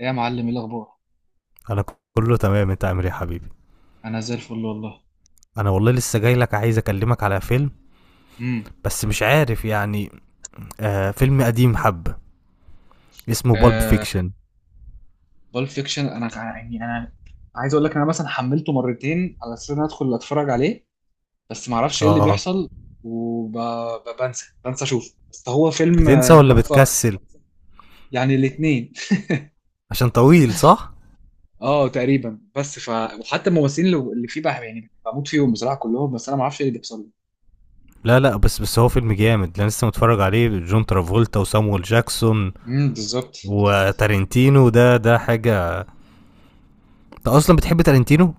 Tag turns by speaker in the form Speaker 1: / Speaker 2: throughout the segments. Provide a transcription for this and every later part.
Speaker 1: ايه يا معلم، ايه الاخبار؟
Speaker 2: انا كله تمام، انت عامل ايه يا حبيبي؟
Speaker 1: انا زي الفل والله.
Speaker 2: انا والله لسه جاي لك عايز اكلمك على فيلم،
Speaker 1: امم
Speaker 2: بس مش عارف يعني. آه، فيلم قديم حبة، اسمه بالب
Speaker 1: آه
Speaker 2: فيكشن.
Speaker 1: بول فيكشن، انا ع- يعني انا عايز اقول لك انا مثلا حملته مرتين على اساس ان أنا ادخل اتفرج عليه، بس ما اعرفش ايه اللي
Speaker 2: اه،
Speaker 1: بيحصل. وبنسى بنسى اشوف، بس هو فيلم
Speaker 2: بتنسى ولا
Speaker 1: تحفة.
Speaker 2: بتكسل؟
Speaker 1: يعني الاتنين.
Speaker 2: عشان طويل صح؟
Speaker 1: اه تقريبا، بس ف وحتى الممثلين اللي فيه بقى يعني بموت فيهم بصراحة كلهم، بس انا ما اعرفش ايه اللي بيحصل.
Speaker 2: لا لا، بس هو فيلم جامد، انا لسه متفرج عليه، جون ترافولتا وسامويل جاكسون
Speaker 1: امم، بالظبط.
Speaker 2: وتارنتينو، ده حاجة. انت اصلا بتحب تارنتينو؟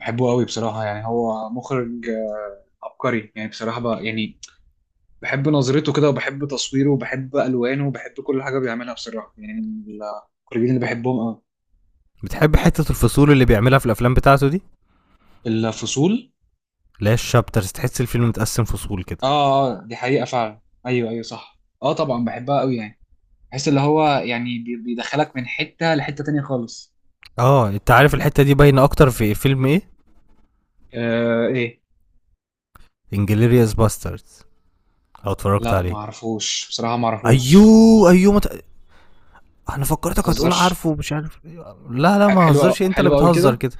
Speaker 1: بحبه قوي بصراحة، يعني هو مخرج عبقري يعني بصراحة بقى يعني. بحب نظرته كده، وبحب تصويره، وبحب الوانه، وبحب كل حاجه بيعملها بصراحه، يعني من الكوريين اللي بحبهم قوي.
Speaker 2: بتحب حتة الفصول اللي بيعملها في الافلام بتاعته دي؟
Speaker 1: الفصول؟
Speaker 2: لا، الشابترز، تحس الفيلم متقسم فصول كده.
Speaker 1: اه. دي حقيقه فعلا، ايوه ايوه صح، اه طبعا بحبها قوي يعني. بحس اللي هو يعني بيدخلك من حته لحته تانية خالص.
Speaker 2: اه، انت عارف الحتة دي باينة اكتر في فيلم ايه؟
Speaker 1: آه، ايه؟
Speaker 2: انجليريوس باستردز، لو اتفرجت
Speaker 1: لا ما
Speaker 2: عليه.
Speaker 1: اعرفوش بصراحه، ما اعرفوش.
Speaker 2: ايوه ايوه انا
Speaker 1: ما
Speaker 2: فكرتك هتقول
Speaker 1: تهزرش.
Speaker 2: عارفه مش عارف إيه. لا لا، ما
Speaker 1: حلوه،
Speaker 2: هزرش، انت اللي
Speaker 1: حلوه قوي
Speaker 2: بتهزر
Speaker 1: كده.
Speaker 2: كده.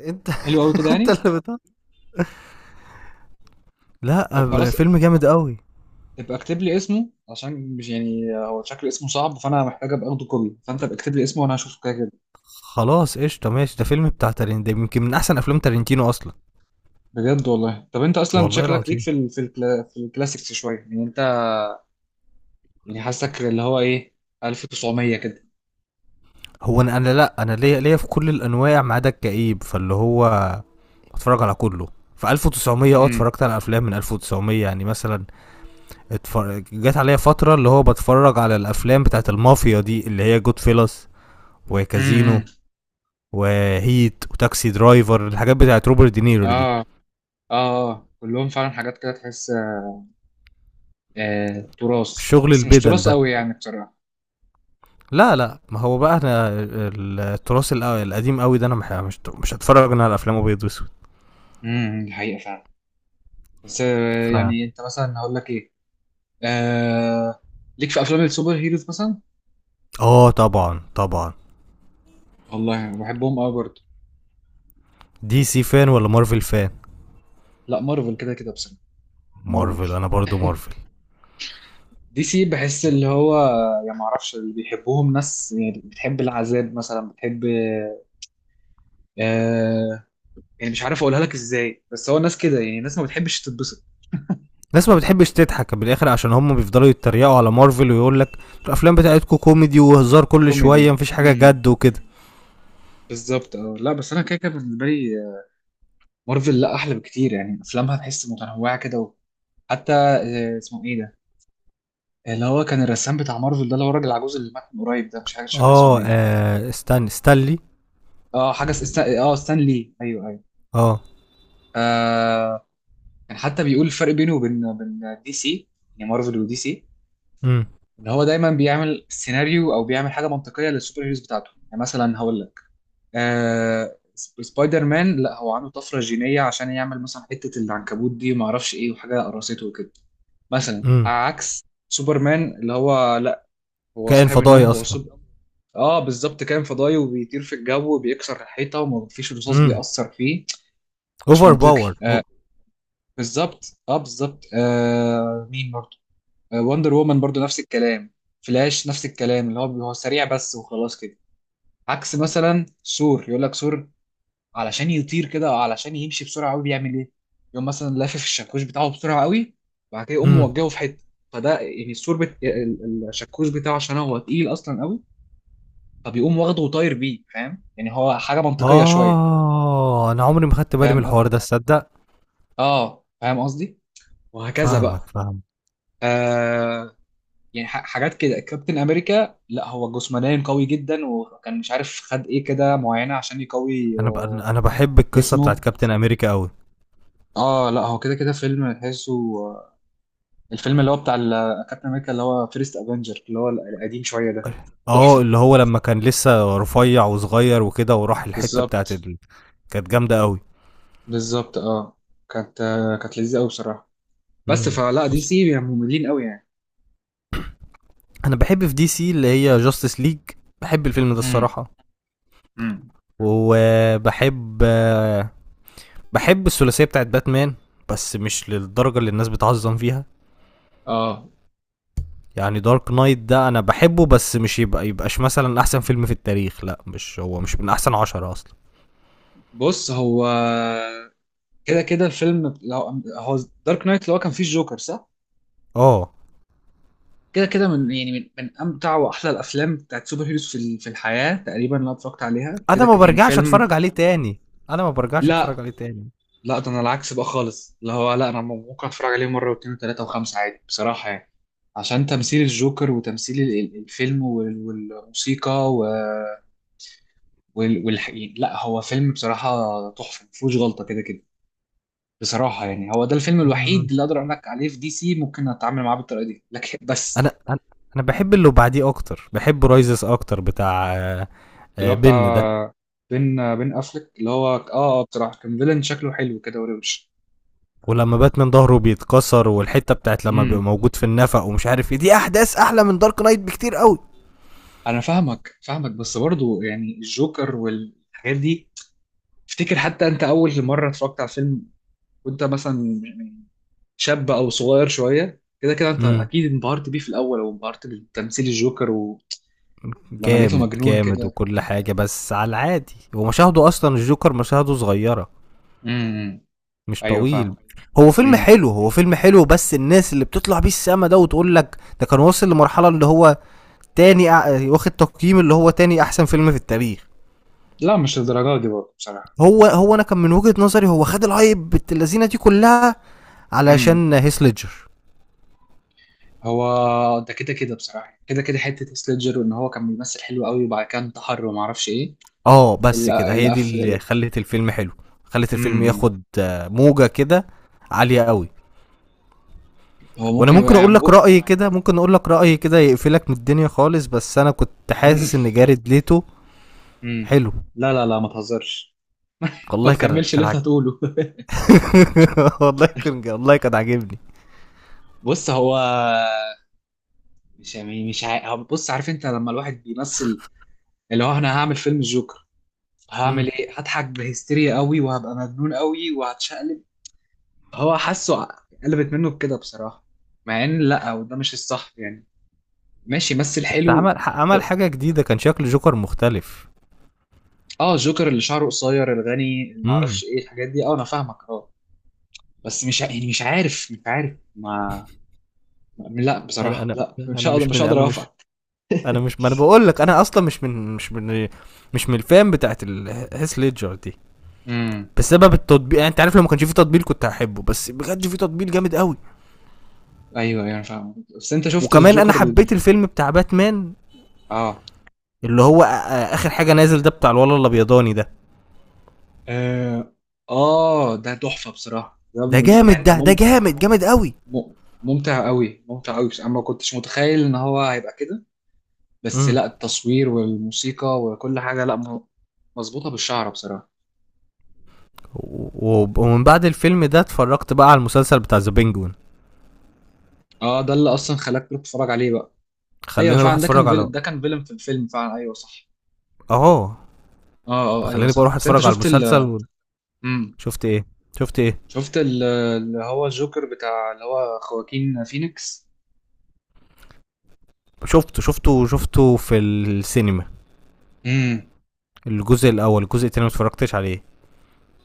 Speaker 2: انت
Speaker 1: حلوه قوي كده
Speaker 2: انت
Speaker 1: يعني.
Speaker 2: اللي بتهزر. لا،
Speaker 1: طب خلاص،
Speaker 2: فيلم جامد قوي.
Speaker 1: ابقى اكتب لي اسمه عشان مش يعني هو شكل اسمه صعب، فانا محتاج ابقى اخده كوبي، فانت ابقى اكتب لي اسمه وانا هشوفه كده كده.
Speaker 2: خلاص قشطه، ماشي، ده فيلم بتاع تارين، ده يمكن من احسن افلام تارنتينو اصلا.
Speaker 1: بجد والله. طب انت اصلا
Speaker 2: والله
Speaker 1: شكلك ليك
Speaker 2: العظيم.
Speaker 1: في ال في ال في الكلاسيكس شويه يعني انت. يعني حاسك اللي هو ايه، 1900 كده.
Speaker 2: هو انا، انا لا انا ليا في كل الانواع ما عدا الكئيب، فاللي هو اتفرج على كله. في 1900، اه،
Speaker 1: امم.
Speaker 2: اتفرجت على افلام من 1900، يعني مثلا اتفرج، جت عليا فترة اللي هو بتفرج على الأفلام بتاعت المافيا دي، اللي هي جود فيلس وكازينو
Speaker 1: امم.
Speaker 2: وهيت وتاكسي درايفر، الحاجات بتاعت روبرت دينيرو دي،
Speaker 1: اه اه. اه كلهم فعلا حاجات كده تحس آه تراث،
Speaker 2: الشغل
Speaker 1: بس مش
Speaker 2: البدل
Speaker 1: تراث
Speaker 2: ده.
Speaker 1: قوي يعني بصراحه.
Speaker 2: لا لا، ما هو بقى انا التراث القديم قوي ده، انا مش هتفرج انا على افلام ابيض واسود.
Speaker 1: امم، الحقيقه فعلا. بس
Speaker 2: ف
Speaker 1: يعني انت مثلا هقول لك ايه، آه ليك في افلام السوبر هيروز مثلا؟
Speaker 2: اه، طبعا طبعا.
Speaker 1: والله أنا بحبهم قوي برضه.
Speaker 2: دي سي فان ولا مارفل فان؟
Speaker 1: لا مارفل كده كده بصراحه.
Speaker 2: مارفل،
Speaker 1: مارفل.
Speaker 2: انا برضو مارفل.
Speaker 1: دي سي بحس اللي هو يعني ما اعرفش، اللي بيحبوهم ناس يعني بتحب العذاب مثلا، بتحب آه يعني مش عارف اقولها لك ازاي، بس هو ناس كده يعني ناس ما بتحبش تتبسط.
Speaker 2: ناس ما بتحبش تضحك بالاخر، عشان هم بيفضلوا يتريقوا على مارفل ويقول لك الافلام بتاعتكم كوميدي وهزار كل شويه،
Speaker 1: كوميدي.
Speaker 2: مفيش حاجه
Speaker 1: امم،
Speaker 2: جد وكده.
Speaker 1: بالظبط اه. لا بس انا كده كده بالنسبه لي مارفل لا احلى بكتير، يعني افلامها تحس متنوعه كده. وحتى اسمه ايه ده، اللي هو كان الرسام بتاع مارفل ده، اللي هو الراجل العجوز اللي مات من قريب ده، مش فاكر اسمه
Speaker 2: اه
Speaker 1: ايه.
Speaker 2: آه، استنى، ستانلي.
Speaker 1: اه حاجه اس- استا... اه ستان لي، ايوه ايوه.
Speaker 2: اه.
Speaker 1: آه، كان حتى بيقول الفرق بينه وبين دي سي، يعني مارفل ودي سي،
Speaker 2: امم،
Speaker 1: ان هو دايما بيعمل سيناريو او بيعمل حاجه منطقيه للسوبر هيروز بتاعته. يعني مثلا هقول لك، سبايدر مان لا، هو عنده طفره جينيه عشان يعمل مثلا حته العنكبوت دي وما اعرفش ايه، وحاجه قرصته وكده. مثلا
Speaker 2: امم.
Speaker 1: عكس سوبرمان اللي هو لا، هو
Speaker 2: كائن
Speaker 1: صاحب
Speaker 2: فضائي
Speaker 1: النوم، هو سوبر.
Speaker 2: اصلا.
Speaker 1: اه بالظبط، كان فضائي وبيطير في الجو وبيكسر الحيطه وما فيش رصاص
Speaker 2: امم.
Speaker 1: بيأثر فيه. مش
Speaker 2: اوفر
Speaker 1: منطقي.
Speaker 2: باور.
Speaker 1: بالظبط اه، بالظبط. مين برضه، وندر وومن برضو نفس الكلام، فلاش نفس الكلام، اللي هو هو سريع بس وخلاص كده. عكس مثلا ثور، يقول لك ثور علشان يطير كده او علشان يمشي بسرعه قوي بيعمل ايه، يقوم مثلا لافف الشاكوش بتاعه بسرعه قوي وبعد كده يقوم
Speaker 2: امم.
Speaker 1: موجهه في حته. فده يعني الثور الشاكوش بتاعه عشان هو تقيل اصلا قوي، فبيقوم واخده وطاير بيه. فاهم يعني، هو حاجه منطقيه شويه.
Speaker 2: اه، انا عمري ما خدت بالي من
Speaker 1: فاهم،
Speaker 2: الحوار ده، تصدق؟
Speaker 1: اه فاهم قصدي. وهكذا بقى.
Speaker 2: فاهمك، فاهم.
Speaker 1: آه يعني حاجات كده، كابتن امريكا لا هو جسمانيا قوي جدا، وكان مش عارف خد ايه كده معينه عشان يقوي
Speaker 2: انا ب... انا بحب القصه بتاعت
Speaker 1: جسمه.
Speaker 2: كابتن امريكا قوي.
Speaker 1: اه لا هو كده كده فيلم تحسه آه، الفيلم اللي هو بتاع كابتن امريكا، اللي هو فيرست افنجر، اللي هو القديم شويه ده،
Speaker 2: اه،
Speaker 1: تحفه.
Speaker 2: اللي هو لما كان لسه رفيع وصغير وكده، وراح الحته بتاعت
Speaker 1: بالظبط.
Speaker 2: ال... كانت جامده قوي.
Speaker 1: بالظبط اه. كانت كانت لذيذه قوي بصراحه. بس
Speaker 2: امم.
Speaker 1: فلا، دي سي يعني مملين قوي يعني.
Speaker 2: انا بحب في دي سي اللي هي جاستس ليج، بحب الفيلم ده
Speaker 1: امم.
Speaker 2: الصراحه.
Speaker 1: امم.
Speaker 2: وبحب، بحب الثلاثيه بتاعت باتمان، بس مش للدرجه اللي الناس بتعظم فيها.
Speaker 1: اه.
Speaker 2: يعني دارك نايت ده انا بحبه، بس مش يبقى يبقاش مثلا احسن فيلم في التاريخ، لا، مش هو مش من احسن عشرة اصلا.
Speaker 1: بص هو كده كده الفيلم، هو دارك نايت، اللي هو كان فيه الجوكر صح،
Speaker 2: اه،
Speaker 1: كده كده من يعني من امتع واحلى الافلام بتاعت سوبر هيروز في في الحياه تقريبا اللي أنا اتفرجت عليها
Speaker 2: انا
Speaker 1: كده،
Speaker 2: ما
Speaker 1: يعني
Speaker 2: برجعش
Speaker 1: فيلم.
Speaker 2: اتفرج عليه تاني، انا ما برجعش اتفرج
Speaker 1: لا
Speaker 2: عليه تاني.
Speaker 1: لا، ده انا العكس بقى خالص اللي هو، لا انا ممكن اتفرج عليه مره واثنين وثلاثه وخمسه عادي بصراحه يعني، عشان تمثيل الجوكر وتمثيل الفيلم والموسيقى يعني لا هو فيلم بصراحه تحفه مفيهوش غلطه كده كده بصراحه. يعني هو ده الفيلم الوحيد
Speaker 2: مم.
Speaker 1: اللي اقدر اقول لك عليه في دي سي، ممكن اتعامل معاه بالطريقه دي، لكن
Speaker 2: انا
Speaker 1: بس.
Speaker 2: انا أنا بحب اللي بعديه اكتر، بحب رايزس اكتر، بتاع آه،
Speaker 1: اللي هو
Speaker 2: آه،
Speaker 1: بتاع
Speaker 2: بن ده.
Speaker 1: بين، افلك، اللي هو اه. اه بصراحه كان فيلن شكله حلو كده وروش.
Speaker 2: ولما باتمان ظهره بيتكسر، والحته بتاعت لما
Speaker 1: امم.
Speaker 2: بيبقى موجود في النفق ومش عارف ايه، دي احداث احلى من دارك نايت بكتير قوي.
Speaker 1: انا فاهمك، بس برضو يعني الجوكر والحاجات دي. افتكر حتى انت اول مره اتفرجت على فيلم وانت مثلا يعني شاب او صغير شويه كده، كده انت
Speaker 2: امم.
Speaker 1: اكيد انبهرت بيه في الاول، او انبهرت بتمثيل الجوكر ولما لقيته
Speaker 2: جامد
Speaker 1: مجنون
Speaker 2: جامد
Speaker 1: كده.
Speaker 2: وكل حاجه، بس على العادي، ومشاهده اصلا الجوكر مشاهده صغيره،
Speaker 1: امم.
Speaker 2: مش
Speaker 1: ايوه
Speaker 2: طويل.
Speaker 1: فاهمك.
Speaker 2: هو فيلم
Speaker 1: امم.
Speaker 2: حلو، هو فيلم حلو، بس الناس اللي بتطلع بيه السما ده وتقول لك ده كان واصل لمرحله اللي هو واخد تقييم اللي هو تاني احسن فيلم في التاريخ.
Speaker 1: لا مش الدرجات دي برضه بصراحه.
Speaker 2: هو انا كان من وجهه نظري هو خد الهايب اللذينه دي كلها علشان هيسلجر.
Speaker 1: هو ده كده كده بصراحة، كده كده حتة هيث ليدجر، وإن هو كان بيمثل حلو قوي وبعد كده انتحر ومعرفش إيه.
Speaker 2: آه، بس كده هي دي
Speaker 1: القف.
Speaker 2: اللي خلّت الفيلم حلو، خلّت الفيلم
Speaker 1: امم.
Speaker 2: ياخد آه، موجة كده عالية أوي.
Speaker 1: هو
Speaker 2: وأنا
Speaker 1: ممكن يبقى
Speaker 2: ممكن أقول
Speaker 1: يعني.
Speaker 2: لك رأي كده، ممكن أقول لك رأي كده يقفلك من الدنيا خالص، بس أنا كنت
Speaker 1: امم.
Speaker 2: حاسس إن جاريد ليتو
Speaker 1: امم.
Speaker 2: حلو.
Speaker 1: لا لا لا، ما تهزرش. ما
Speaker 2: والله كان
Speaker 1: تكملش اللي
Speaker 2: كان
Speaker 1: أنت
Speaker 2: عاج
Speaker 1: هتقوله.
Speaker 2: والله كان، والله كان عاجبني.
Speaker 1: بص هو مش يعني مش عا- هو بص، عارف أنت لما الواحد بيمثل، اللي هو أنا هعمل فيلم الجوكر،
Speaker 2: إمم،
Speaker 1: هعمل إيه؟ هضحك بهستيريا قوي وهبقى مجنون قوي وهتشقلب. هو حاسه، قلبت منه بكده بصراحة، مع إن لا، وده مش الصح يعني، ماشي بس
Speaker 2: بس
Speaker 1: الحلو.
Speaker 2: عمل حاجة جديدة، كان شكل جوكر مختلف.
Speaker 1: اه جوكر اللي شعره قصير الغني، اللي
Speaker 2: إمم.
Speaker 1: معرفش ايه الحاجات دي، اه انا فاهمك اه. بس مش ع- يعني مش عارف ما، لا
Speaker 2: أنا
Speaker 1: بصراحة
Speaker 2: أنا
Speaker 1: لا،
Speaker 2: أنا مش
Speaker 1: مش
Speaker 2: من
Speaker 1: هقدر
Speaker 2: أنا مش
Speaker 1: اوافقك.
Speaker 2: أنا مش ما أنا باقول لك أنا أصلًا مش من الfan بتاعة ال هيث ليدجر دي.
Speaker 1: امم.
Speaker 2: بسبب التطبيق، يعني انت عارف لو ما كانش في تطبيق كنت هحبه، بس بجد في تطبيق جامد قوي.
Speaker 1: ايوه ايوه انا فاهم، بس انت شفت
Speaker 2: وكمان انا
Speaker 1: الجوكر
Speaker 2: حبيت
Speaker 1: الجديد؟
Speaker 2: الفيلم بتاع باتمان،
Speaker 1: اه.
Speaker 2: اللي هو اخر حاجه نازل ده، بتاع الولد الابيضاني ده.
Speaker 1: اه ده تحفة بصراحة،
Speaker 2: ده جامد،
Speaker 1: يعني
Speaker 2: ده جامد قوي.
Speaker 1: مم- ممتع قوي، ممتع قوي، بس انا ما كنتش متخيل ان هو هيبقى كده. بس
Speaker 2: امم.
Speaker 1: لا التصوير والموسيقى وكل حاجة، لا م- مظبوطة بالشعر بصراحة.
Speaker 2: و- و- ومن بعد الفيلم ده اتفرجت بقى على المسلسل بتاع ذا بينجوين.
Speaker 1: اه ده اللي اصلا خلاك تروح تتفرج عليه بقى. ايوه
Speaker 2: خلاني اروح
Speaker 1: فعلا، ده كان
Speaker 2: اتفرج على،
Speaker 1: فيلم، ده كان فيلم في الفيلم فعلا، ايوه صح.
Speaker 2: اهو،
Speaker 1: اه. اه ايوه
Speaker 2: خلاني بقى
Speaker 1: صح،
Speaker 2: اروح
Speaker 1: بس انت
Speaker 2: اتفرج على
Speaker 1: شفت ال،
Speaker 2: المسلسل و...
Speaker 1: امم.
Speaker 2: شفت ايه؟ شفت ايه؟
Speaker 1: شفت اللي هو الجوكر بتاع، اللي هو خواكين فينيكس.
Speaker 2: شفته شفته شفته في السينما.
Speaker 1: امم.
Speaker 2: الجزء الاول، الجزء التاني ما اتفرجتش عليه.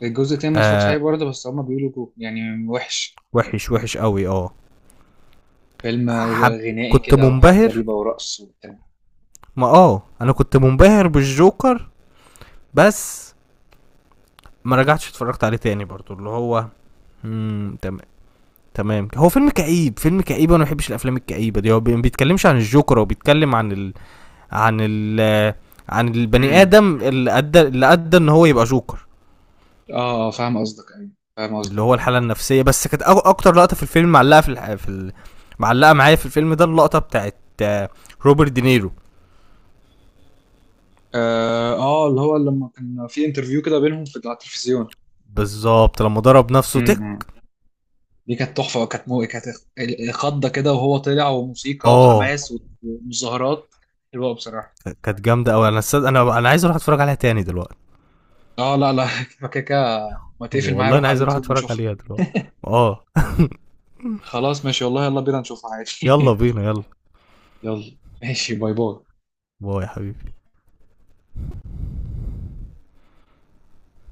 Speaker 1: الجزء التاني ما اتفرجش عليه
Speaker 2: آه،
Speaker 1: برضه، بس هما بيقولوا يعني وحش.
Speaker 2: وحش وحش قوي، اه.
Speaker 1: فيلم
Speaker 2: حب.
Speaker 1: غنائي
Speaker 2: كنت
Speaker 1: كده وحاجات
Speaker 2: منبهر،
Speaker 1: غريبه ورقص وبتاع.
Speaker 2: ما اه انا كنت منبهر بالجوكر، بس ما رجعتش اتفرجت عليه تاني برضو. اللي هو مم، تمام، هو فيلم كئيب، فيلم كئيب، وانا ما بحبش الافلام الكئيبه دي. هو ما بيتكلمش عن الجوكر، هو بيتكلم عن ال... عن ال... عن البني
Speaker 1: امم.
Speaker 2: ادم اللي ادى، اللي ادى ان هو يبقى جوكر.
Speaker 1: اه فاهم قصدك ايوه، فاهم
Speaker 2: اللي هو
Speaker 1: قصدك.
Speaker 2: الحاله النفسيه، بس كانت اكتر لقطه في الفيلم معلقه في، في ال... معلقه معايا في الفيلم ده اللقطه بتاعت آه، روبرت دينيرو.
Speaker 1: اه اللي هو لما كان في انترفيو كده بينهم في على التلفزيون.
Speaker 2: بالظبط، لما ضرب نفسه تك.
Speaker 1: امم. دي كانت تحفة، كانت خضة كده، وهو طلع وموسيقى
Speaker 2: اه،
Speaker 1: وحماس ومظاهرات. حلوة بصراحة.
Speaker 2: كانت جامده قوي، انا انا انا عايز اروح اتفرج عليها تاني دلوقتي.
Speaker 1: اه لا لا. فكاكا، ما تقفل معايا،
Speaker 2: والله
Speaker 1: روح
Speaker 2: انا
Speaker 1: على
Speaker 2: عايز اروح
Speaker 1: اليوتيوب
Speaker 2: اتفرج
Speaker 1: وشوفها.
Speaker 2: عليها دلوقتي. اه،
Speaker 1: خلاص ماشي والله، يلا بينا نشوفها عادي.
Speaker 2: يلا بينا، يلا.
Speaker 1: يلا ماشي، باي باي.
Speaker 2: باي يا حبيبي.